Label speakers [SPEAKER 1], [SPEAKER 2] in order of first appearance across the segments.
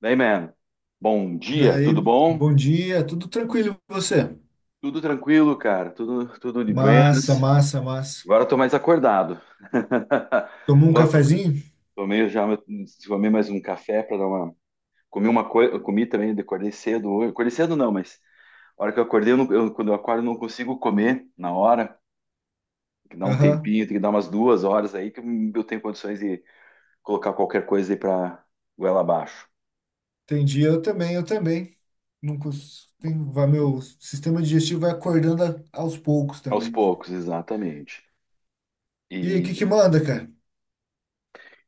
[SPEAKER 1] Daí, man. Bom dia, tudo
[SPEAKER 2] Daí,
[SPEAKER 1] bom?
[SPEAKER 2] bom dia, tudo tranquilo e você?
[SPEAKER 1] Tudo tranquilo, cara. Tudo de
[SPEAKER 2] Massa,
[SPEAKER 1] buenas.
[SPEAKER 2] massa, massa.
[SPEAKER 1] Agora eu tô mais acordado.
[SPEAKER 2] Tomou um
[SPEAKER 1] Louco.
[SPEAKER 2] cafezinho?
[SPEAKER 1] Tomei já, tomei mais um café para dar uma. Comi uma coisa, comi também, acordei cedo hoje. Acordei cedo não, mas a hora que eu acordei, eu não- eu- quando eu acordo, eu não consigo comer na hora. Tem que dar um
[SPEAKER 2] Aham.
[SPEAKER 1] tempinho, tem que dar umas 2 horas aí que eu tenho condições de colocar qualquer coisa aí para goela abaixo.
[SPEAKER 2] Entendi, eu também, eu também. Não cons- Tem, vai, meu sistema digestivo vai aos poucos
[SPEAKER 1] Aos
[SPEAKER 2] também.
[SPEAKER 1] poucos, exatamente.
[SPEAKER 2] E aí, o que que
[SPEAKER 1] E
[SPEAKER 2] manda, cara?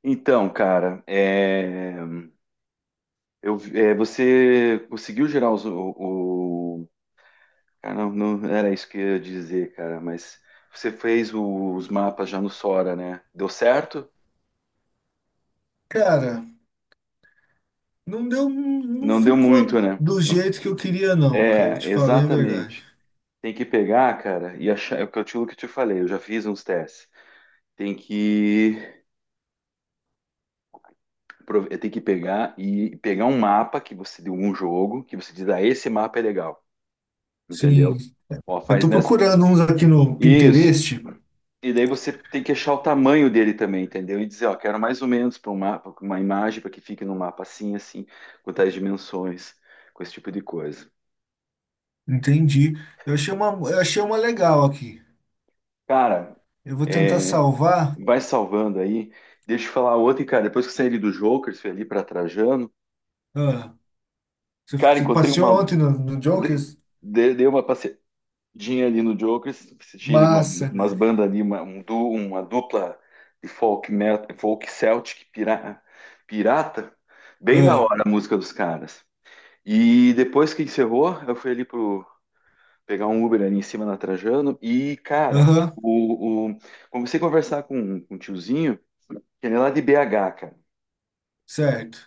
[SPEAKER 1] então, cara, é. Você conseguiu gerar o- cara, não, não era isso que eu ia dizer, cara, mas você fez os mapas já no Sora, né? Deu certo?
[SPEAKER 2] Cara, não deu, não
[SPEAKER 1] Não deu muito,
[SPEAKER 2] ficou
[SPEAKER 1] né?
[SPEAKER 2] do jeito que eu queria não, cara, eu
[SPEAKER 1] É,
[SPEAKER 2] te falei a verdade.
[SPEAKER 1] exatamente. Tem que pegar, cara, e achar. É o que eu te, o que eu te falei, eu já fiz uns testes. Tem que, tem que pegar e pegar um mapa que você deu um jogo, que você diz, ah, esse mapa é legal,
[SPEAKER 2] Sim,
[SPEAKER 1] entendeu? Ó,
[SPEAKER 2] eu
[SPEAKER 1] faz
[SPEAKER 2] tô
[SPEAKER 1] nessa.
[SPEAKER 2] procurando uns aqui no
[SPEAKER 1] Isso.
[SPEAKER 2] Pinterest,
[SPEAKER 1] E daí você tem que achar o tamanho dele também, entendeu? E dizer, ó, quero mais ou menos para um mapa, pra uma imagem para que fique num mapa assim, com tais dimensões, com esse tipo de coisa.
[SPEAKER 2] entendi. Eu achei uma legal aqui.
[SPEAKER 1] Cara,
[SPEAKER 2] Eu vou tentar
[SPEAKER 1] é,
[SPEAKER 2] salvar.
[SPEAKER 1] vai salvando aí. Deixa eu falar outra, e, cara, depois que eu saí ali do Jokers, fui ali para Trajano.
[SPEAKER 2] Ah. Você,
[SPEAKER 1] Cara,
[SPEAKER 2] você
[SPEAKER 1] encontrei
[SPEAKER 2] passeou
[SPEAKER 1] uma.
[SPEAKER 2] ontem no
[SPEAKER 1] de-
[SPEAKER 2] Jokers?
[SPEAKER 1] Dei uma passeadinha ali no Jokers, assisti uma,
[SPEAKER 2] Massa,
[SPEAKER 1] umas
[SPEAKER 2] velho.
[SPEAKER 1] bandas ali, uma, uma dupla de folk metal, pirata. Bem da
[SPEAKER 2] Ah.
[SPEAKER 1] hora a música dos caras. E depois que encerrou, eu fui ali pro pegar um Uber ali em cima na Trajano e, cara,
[SPEAKER 2] Aham,
[SPEAKER 1] comecei a conversar com, um tiozinho, que ele é lá de BH, cara.
[SPEAKER 2] certo.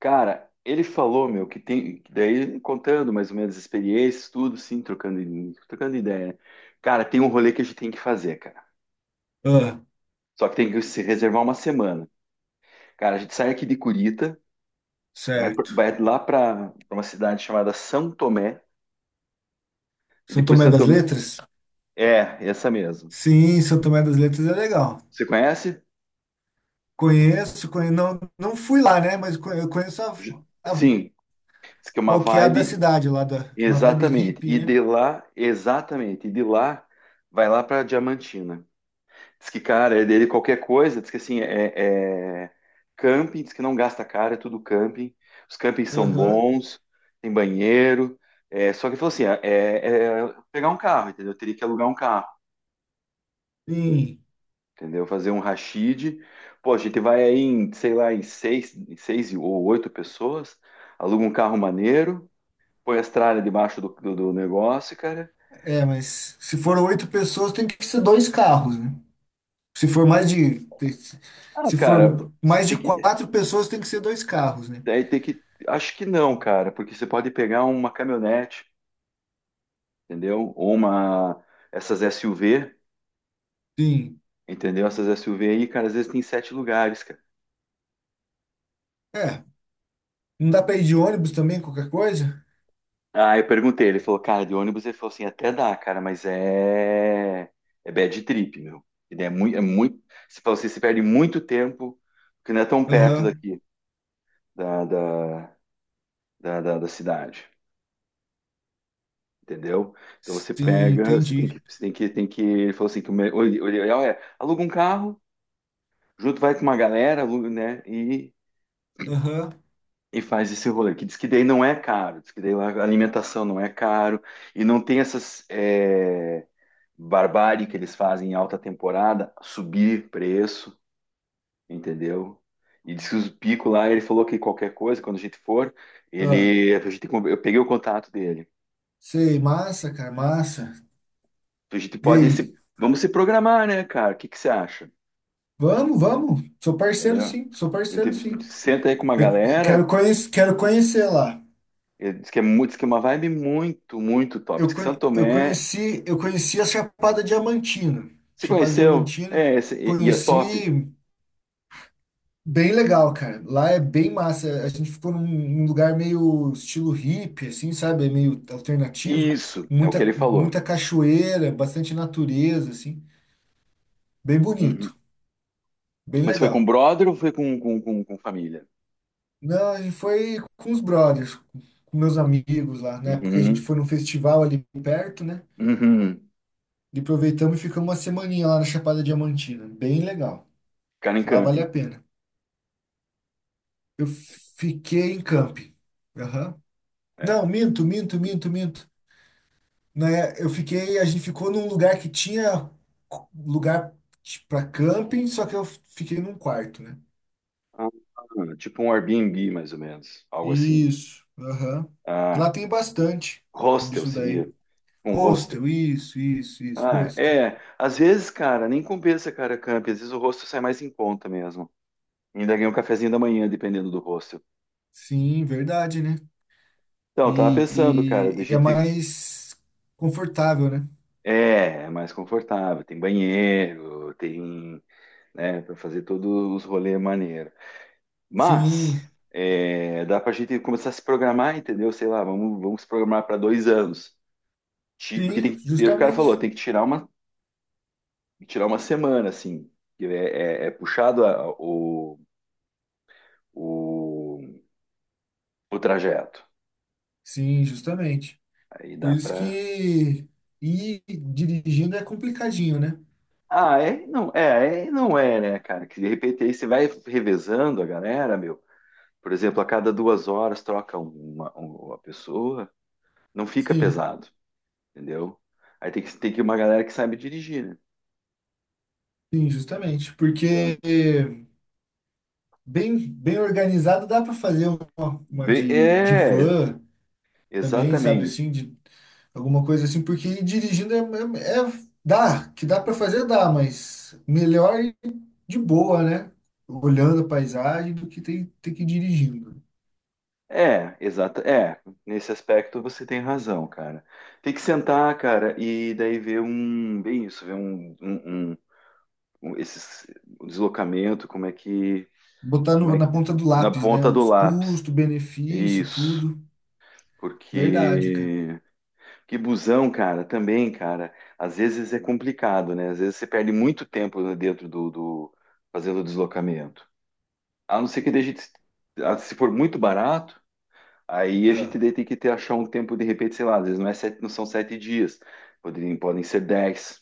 [SPEAKER 1] Cara, ele falou, meu, que tem, que daí contando mais ou menos as experiências, tudo, sim, trocando, trocando ideia, né? Cara, tem um rolê que a gente tem que fazer, cara.
[SPEAKER 2] Ah,
[SPEAKER 1] Só que tem que se reservar uma semana. Cara, a gente sai aqui de Curitiba,
[SPEAKER 2] certo.
[SPEAKER 1] vai lá pra uma cidade chamada São Tomé, e
[SPEAKER 2] São
[SPEAKER 1] depois
[SPEAKER 2] Tomé
[SPEAKER 1] São
[SPEAKER 2] das
[SPEAKER 1] Tomé.
[SPEAKER 2] Letras?
[SPEAKER 1] É, essa mesmo.
[SPEAKER 2] Sim, São Tomé das Letras é legal.
[SPEAKER 1] Você conhece?
[SPEAKER 2] Conheço, não, não fui lá, né? Eu conheço
[SPEAKER 1] Ju-
[SPEAKER 2] a,
[SPEAKER 1] Sim, diz que é uma
[SPEAKER 2] qual que é a da
[SPEAKER 1] vibe,
[SPEAKER 2] cidade lá, da, uma vibe
[SPEAKER 1] exatamente.
[SPEAKER 2] hippie,
[SPEAKER 1] E
[SPEAKER 2] né?
[SPEAKER 1] de lá, exatamente, e de lá, vai lá para Diamantina. Diz que, cara, é dele qualquer coisa, diz que assim, é camping, diz que não gasta caro, é tudo camping. Os campings são
[SPEAKER 2] Aham.
[SPEAKER 1] bons, tem banheiro. É, só que ele falou assim, é pegar um carro, entendeu? Eu teria que alugar um carro,
[SPEAKER 2] Sim.
[SPEAKER 1] entendeu? Fazer um rachide. Pô, a gente vai aí em, sei lá, em seis ou oito pessoas, aluga um carro maneiro. Põe as tralhas debaixo do negócio, cara.
[SPEAKER 2] É, mas se for oito pessoas, tem que ser dois carros, né? Se for mais de, te-
[SPEAKER 1] Ah,
[SPEAKER 2] Se for
[SPEAKER 1] cara, você
[SPEAKER 2] mais de
[SPEAKER 1] tem que.
[SPEAKER 2] quatro pessoas, tem que ser dois carros, né?
[SPEAKER 1] Aí tem que. Acho que não, cara, porque você pode pegar uma caminhonete, entendeu? Ou uma. Essas SUV,
[SPEAKER 2] Sim.
[SPEAKER 1] entendeu? Essas SUV aí, cara, às vezes tem sete lugares, cara.
[SPEAKER 2] É, não dá pra ir de ônibus também, qualquer coisa?
[SPEAKER 1] Ah, eu perguntei, ele falou, cara, de ônibus, ele falou assim, até dá, cara, mas é. É bad trip, meu. E daí é muito. É muito. Você falou assim, você perde muito tempo, porque não é tão perto
[SPEAKER 2] Aham.
[SPEAKER 1] daqui, da, da, da cidade. Entendeu? Então você
[SPEAKER 2] Sim,
[SPEAKER 1] pega,
[SPEAKER 2] entendi.
[SPEAKER 1] você tem que, ele falou assim, que o ideal é, aluga um carro, junto vai com uma galera, aluga, né,
[SPEAKER 2] Aham.
[SPEAKER 1] e faz esse rolê, que diz que daí não é caro, diz que daí lá a alimentação não é caro, e não tem essas é, barbárie que eles fazem em alta temporada, subir preço, entendeu? E diz que os picos lá, ele falou que qualquer coisa, quando a gente for,
[SPEAKER 2] Ah,
[SPEAKER 1] ele, a gente, eu peguei o contato dele,
[SPEAKER 2] sei, massa, cara, massa.
[SPEAKER 1] a gente
[SPEAKER 2] E
[SPEAKER 1] pode
[SPEAKER 2] aí?
[SPEAKER 1] se, vamos se programar, né, cara, o que que você acha?
[SPEAKER 2] Vamos, vamos. Sou parceiro,
[SPEAKER 1] Entendeu?
[SPEAKER 2] sim. Sou parceiro, sim.
[SPEAKER 1] Senta aí com uma
[SPEAKER 2] Eu
[SPEAKER 1] galera,
[SPEAKER 2] quero conhecer lá.
[SPEAKER 1] ele diz que é muito, diz que é uma vibe muito top. Diz que Santo
[SPEAKER 2] Eu
[SPEAKER 1] Tomé,
[SPEAKER 2] conheci a Chapada Diamantina.
[SPEAKER 1] se
[SPEAKER 2] Chapada
[SPEAKER 1] conheceu?
[SPEAKER 2] Diamantina.
[SPEAKER 1] E é top.
[SPEAKER 2] Conheci. Bem legal, cara. Lá é bem massa. A gente ficou num, num lugar meio estilo hippie, assim, sabe? Meio alternativo.
[SPEAKER 1] Isso, é o que
[SPEAKER 2] Muita,
[SPEAKER 1] ele falou.
[SPEAKER 2] muita cachoeira, bastante natureza, assim. Bem
[SPEAKER 1] Uhum.
[SPEAKER 2] bonito, bem
[SPEAKER 1] Mas foi com
[SPEAKER 2] legal.
[SPEAKER 1] brother ou foi com, com família?
[SPEAKER 2] Não, a gente foi com os brothers, com meus amigos lá. Na época a gente
[SPEAKER 1] Uhum.
[SPEAKER 2] foi num festival ali perto, né?
[SPEAKER 1] Uhum.
[SPEAKER 2] E aproveitamos e ficamos uma semaninha lá na Chapada Diamantina. Bem legal.
[SPEAKER 1] Ficaram em
[SPEAKER 2] Lá vale
[SPEAKER 1] camping.
[SPEAKER 2] a pena. Eu fiquei em camping. Aham.
[SPEAKER 1] É.
[SPEAKER 2] Não, minto, minto, minto, minto, né? A gente ficou num lugar que tinha lugar para camping, só que eu fiquei num quarto, né?
[SPEAKER 1] Ah, tipo um Airbnb, mais ou menos. Algo assim.
[SPEAKER 2] Isso, aham.
[SPEAKER 1] Ah,
[SPEAKER 2] Lá tem bastante
[SPEAKER 1] hostel
[SPEAKER 2] disso daí.
[SPEAKER 1] seria. Um hostel.
[SPEAKER 2] Hostel, isso,
[SPEAKER 1] Ah,
[SPEAKER 2] hostel.
[SPEAKER 1] é. Às vezes, cara, nem compensa, cara, camping. Às vezes o hostel sai mais em conta mesmo. Ainda ganha um cafezinho da manhã, dependendo do hostel.
[SPEAKER 2] Sim, verdade, né?
[SPEAKER 1] Então, eu tava
[SPEAKER 2] E,
[SPEAKER 1] pensando, cara, da
[SPEAKER 2] e e é
[SPEAKER 1] gente.
[SPEAKER 2] mais confortável, né?
[SPEAKER 1] É, é mais confortável, tem banheiro, tem, né, pra fazer todos os rolês maneiro. Mas,
[SPEAKER 2] Sim,
[SPEAKER 1] é, dá pra gente começar a se programar, entendeu? Sei lá, vamos se programar para 2 anos. Porque tem
[SPEAKER 2] sim,
[SPEAKER 1] que ter, o cara falou,
[SPEAKER 2] justamente.
[SPEAKER 1] tem que tirar uma semana, assim. Que é, é puxado o, o trajeto.
[SPEAKER 2] Sim, justamente.
[SPEAKER 1] Aí
[SPEAKER 2] Por
[SPEAKER 1] dá
[SPEAKER 2] isso
[SPEAKER 1] pra.
[SPEAKER 2] que ir dirigindo é complicadinho, né?
[SPEAKER 1] Ah, é, não é, né, cara? Que de repente aí você vai revezando a galera, meu. Por exemplo, a cada 2 horas troca uma pessoa, não fica
[SPEAKER 2] Sim.
[SPEAKER 1] pesado, entendeu? Aí tem que uma galera que sabe dirigir, né?
[SPEAKER 2] Sim, justamente,
[SPEAKER 1] Então,
[SPEAKER 2] porque bem, bem organizado dá para fazer de
[SPEAKER 1] é,
[SPEAKER 2] van também, sabe
[SPEAKER 1] exatamente.
[SPEAKER 2] assim, de alguma coisa assim, porque dirigindo dá, que dá para fazer dá, mas melhor ir de boa, né? Olhando a paisagem do que ter, ter que ir dirigindo.
[SPEAKER 1] É, é, nesse aspecto você tem razão, cara. Tem que sentar, cara, e daí ver um, bem isso, ver um, um- esses, o deslocamento,
[SPEAKER 2] Botar
[SPEAKER 1] como
[SPEAKER 2] no-
[SPEAKER 1] é
[SPEAKER 2] Na
[SPEAKER 1] que,
[SPEAKER 2] ponta do
[SPEAKER 1] na
[SPEAKER 2] lápis, né?
[SPEAKER 1] ponta do
[SPEAKER 2] Os
[SPEAKER 1] lápis.
[SPEAKER 2] custos, benefício,
[SPEAKER 1] Isso,
[SPEAKER 2] tudo. Verdade,
[SPEAKER 1] porque que busão, cara, também, cara, às vezes é complicado, né? Às vezes você perde muito tempo né, dentro do fazendo o deslocamento. A não ser que deixe, ah, se for muito barato, aí a gente
[SPEAKER 2] cara.
[SPEAKER 1] daí tem que ter achar um tempo de repente, sei lá, às vezes não é sete, não são 7 dias, poderiam, podem ser 10,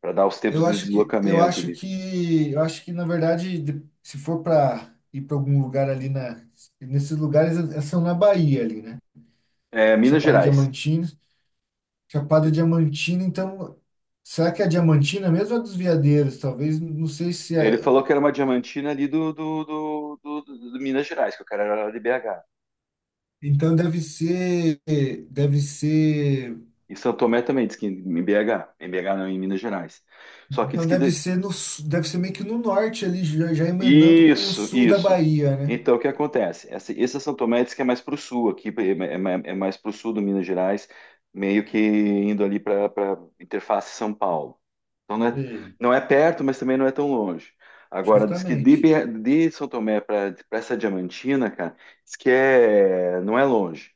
[SPEAKER 1] para dar os tempos
[SPEAKER 2] Eu
[SPEAKER 1] de
[SPEAKER 2] acho que, eu
[SPEAKER 1] deslocamento
[SPEAKER 2] acho
[SPEAKER 1] de
[SPEAKER 2] que, eu acho que na verdade, se for para ir para algum lugar ali na, nesses lugares eh, são na Bahia ali, né?
[SPEAKER 1] é, Minas
[SPEAKER 2] Chapada
[SPEAKER 1] Gerais.
[SPEAKER 2] Diamantina, Chapada Diamantina. Então, será que é a Diamantina mesmo ou a dos Veadeiros? Talvez, não sei se
[SPEAKER 1] Ele
[SPEAKER 2] é.
[SPEAKER 1] falou que era uma diamantina ali do Minas Gerais, que o cara era lá de BH.
[SPEAKER 2] Então deve ser, deve ser,
[SPEAKER 1] Em São Tomé também, diz que em BH. Em BH não, em Minas Gerais. Só que diz
[SPEAKER 2] então
[SPEAKER 1] que.
[SPEAKER 2] deve ser no, su- deve ser meio que no norte ali, já, já emendando com o
[SPEAKER 1] Isso,
[SPEAKER 2] sul da
[SPEAKER 1] isso.
[SPEAKER 2] Bahia, né?
[SPEAKER 1] Então, o que acontece? Essa, esse São Tomé diz que é mais para o sul, aqui é, é mais para o sul do Minas Gerais, meio que indo ali para interface São Paulo. Então, não é,
[SPEAKER 2] Ei.
[SPEAKER 1] não é perto, mas também não é tão longe. Agora, diz que de,
[SPEAKER 2] Justamente.
[SPEAKER 1] BH de São Tomé para essa Diamantina, cara, diz que é, não é longe,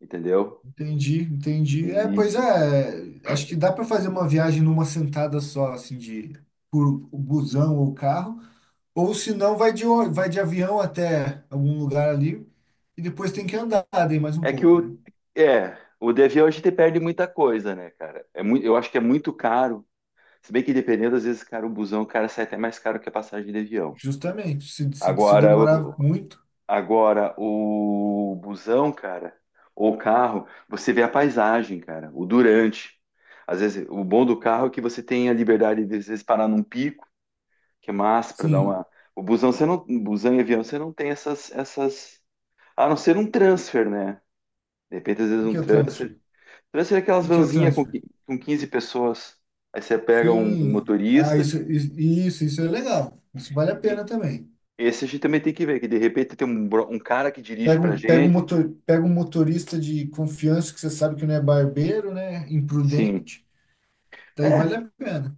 [SPEAKER 1] entendeu?
[SPEAKER 2] Entendi, entendi. É, pois
[SPEAKER 1] E
[SPEAKER 2] é, acho que dá para fazer uma viagem numa sentada só, assim, de por busão ou carro, ou se não, vai de avião até algum lugar ali e depois tem que andar daí mais um
[SPEAKER 1] é que
[SPEAKER 2] pouco, né?
[SPEAKER 1] o, é, o DV hoje te perde muita coisa, né, cara? É muito, eu acho que é muito caro. Se bem que dependendo, às vezes, cara, o busão, o cara, sai até mais caro que a passagem de avião.
[SPEAKER 2] Justamente, se
[SPEAKER 1] Agora,
[SPEAKER 2] demorar muito,
[SPEAKER 1] agora o busão, cara, ou o carro, você vê a paisagem, cara, o durante. Às vezes, o bom do carro é que você tem a liberdade de, às vezes, parar num pico, que é massa para dar
[SPEAKER 2] sim.
[SPEAKER 1] uma. O busão, você não, busão e avião, você não tem essas. A não ser um transfer, né? De repente, às
[SPEAKER 2] O
[SPEAKER 1] vezes,
[SPEAKER 2] que
[SPEAKER 1] um
[SPEAKER 2] que é o
[SPEAKER 1] transfer
[SPEAKER 2] transfer? O
[SPEAKER 1] deve ser aquelas
[SPEAKER 2] que que é o
[SPEAKER 1] vanzinhas com,
[SPEAKER 2] transfer?
[SPEAKER 1] com 15 pessoas. Aí você pega um
[SPEAKER 2] Sim, ah,
[SPEAKER 1] motorista.
[SPEAKER 2] isso é legal. Isso vale a
[SPEAKER 1] e-
[SPEAKER 2] pena também.
[SPEAKER 1] Esse a gente também tem que ver, que de repente tem um, um cara que dirige pra gente.
[SPEAKER 2] Pega um motorista de confiança que você sabe que não é barbeiro, né?
[SPEAKER 1] Sim.
[SPEAKER 2] Imprudente, daí vale
[SPEAKER 1] É,
[SPEAKER 2] a pena.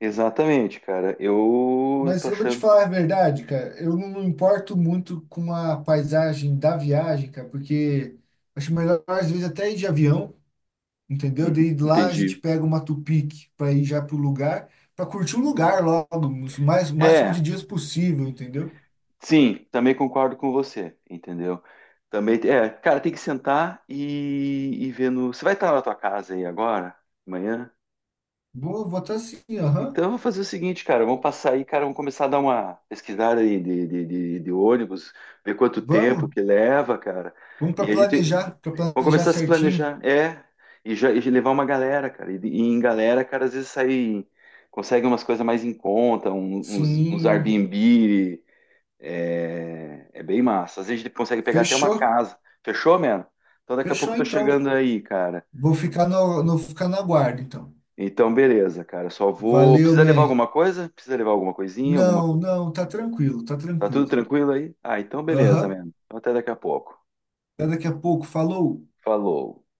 [SPEAKER 1] exatamente, cara. Eu tô
[SPEAKER 2] Mas eu vou te
[SPEAKER 1] achando.
[SPEAKER 2] falar a verdade, cara. Eu não me importo muito com a paisagem da viagem, cara, porque acho melhor às vezes até ir de avião, entendeu?
[SPEAKER 1] Uhum,
[SPEAKER 2] Daí de lá a gente
[SPEAKER 1] entendi.
[SPEAKER 2] pega uma Tupic para ir já pro lugar, para curtir o lugar logo, o mais, o máximo de
[SPEAKER 1] É,
[SPEAKER 2] dias possível, entendeu?
[SPEAKER 1] sim, também concordo com você, entendeu? Também, é, cara, tem que sentar e ver no. Você vai estar na tua casa aí agora? Amanhã?
[SPEAKER 2] Vou votar sim, aham.
[SPEAKER 1] Então, eu vou fazer o seguinte, cara, vamos passar aí, cara, vamos começar a dar uma pesquisada aí de ônibus, ver quanto tempo
[SPEAKER 2] Vamos,
[SPEAKER 1] que leva, cara.
[SPEAKER 2] vamos
[SPEAKER 1] E a gente
[SPEAKER 2] para
[SPEAKER 1] vamos
[SPEAKER 2] planejar
[SPEAKER 1] começar a se
[SPEAKER 2] certinho.
[SPEAKER 1] planejar, é, e já e levar uma galera, cara. E em galera, cara, às vezes sai, consegue umas coisas mais em conta, uns
[SPEAKER 2] Sim.
[SPEAKER 1] Airbnb, é, é bem massa. Às vezes a gente consegue pegar até uma
[SPEAKER 2] Fechou?
[SPEAKER 1] casa. Fechou, mano? Então daqui a pouco
[SPEAKER 2] Fechou
[SPEAKER 1] eu tô
[SPEAKER 2] então.
[SPEAKER 1] chegando aí, cara.
[SPEAKER 2] Vou ficar ficar na guarda então.
[SPEAKER 1] Então, beleza, cara. Só vou.
[SPEAKER 2] Valeu,
[SPEAKER 1] Precisa levar
[SPEAKER 2] man.
[SPEAKER 1] alguma coisa? Precisa levar alguma coisinha? Alguma.
[SPEAKER 2] Não, não, tá tranquilo, tá
[SPEAKER 1] Tá tudo
[SPEAKER 2] tranquilo.
[SPEAKER 1] tranquilo aí? Ah, então beleza,
[SPEAKER 2] Aham.
[SPEAKER 1] mesmo. Então até daqui a pouco.
[SPEAKER 2] Até daqui a pouco. Falou.
[SPEAKER 1] Falou.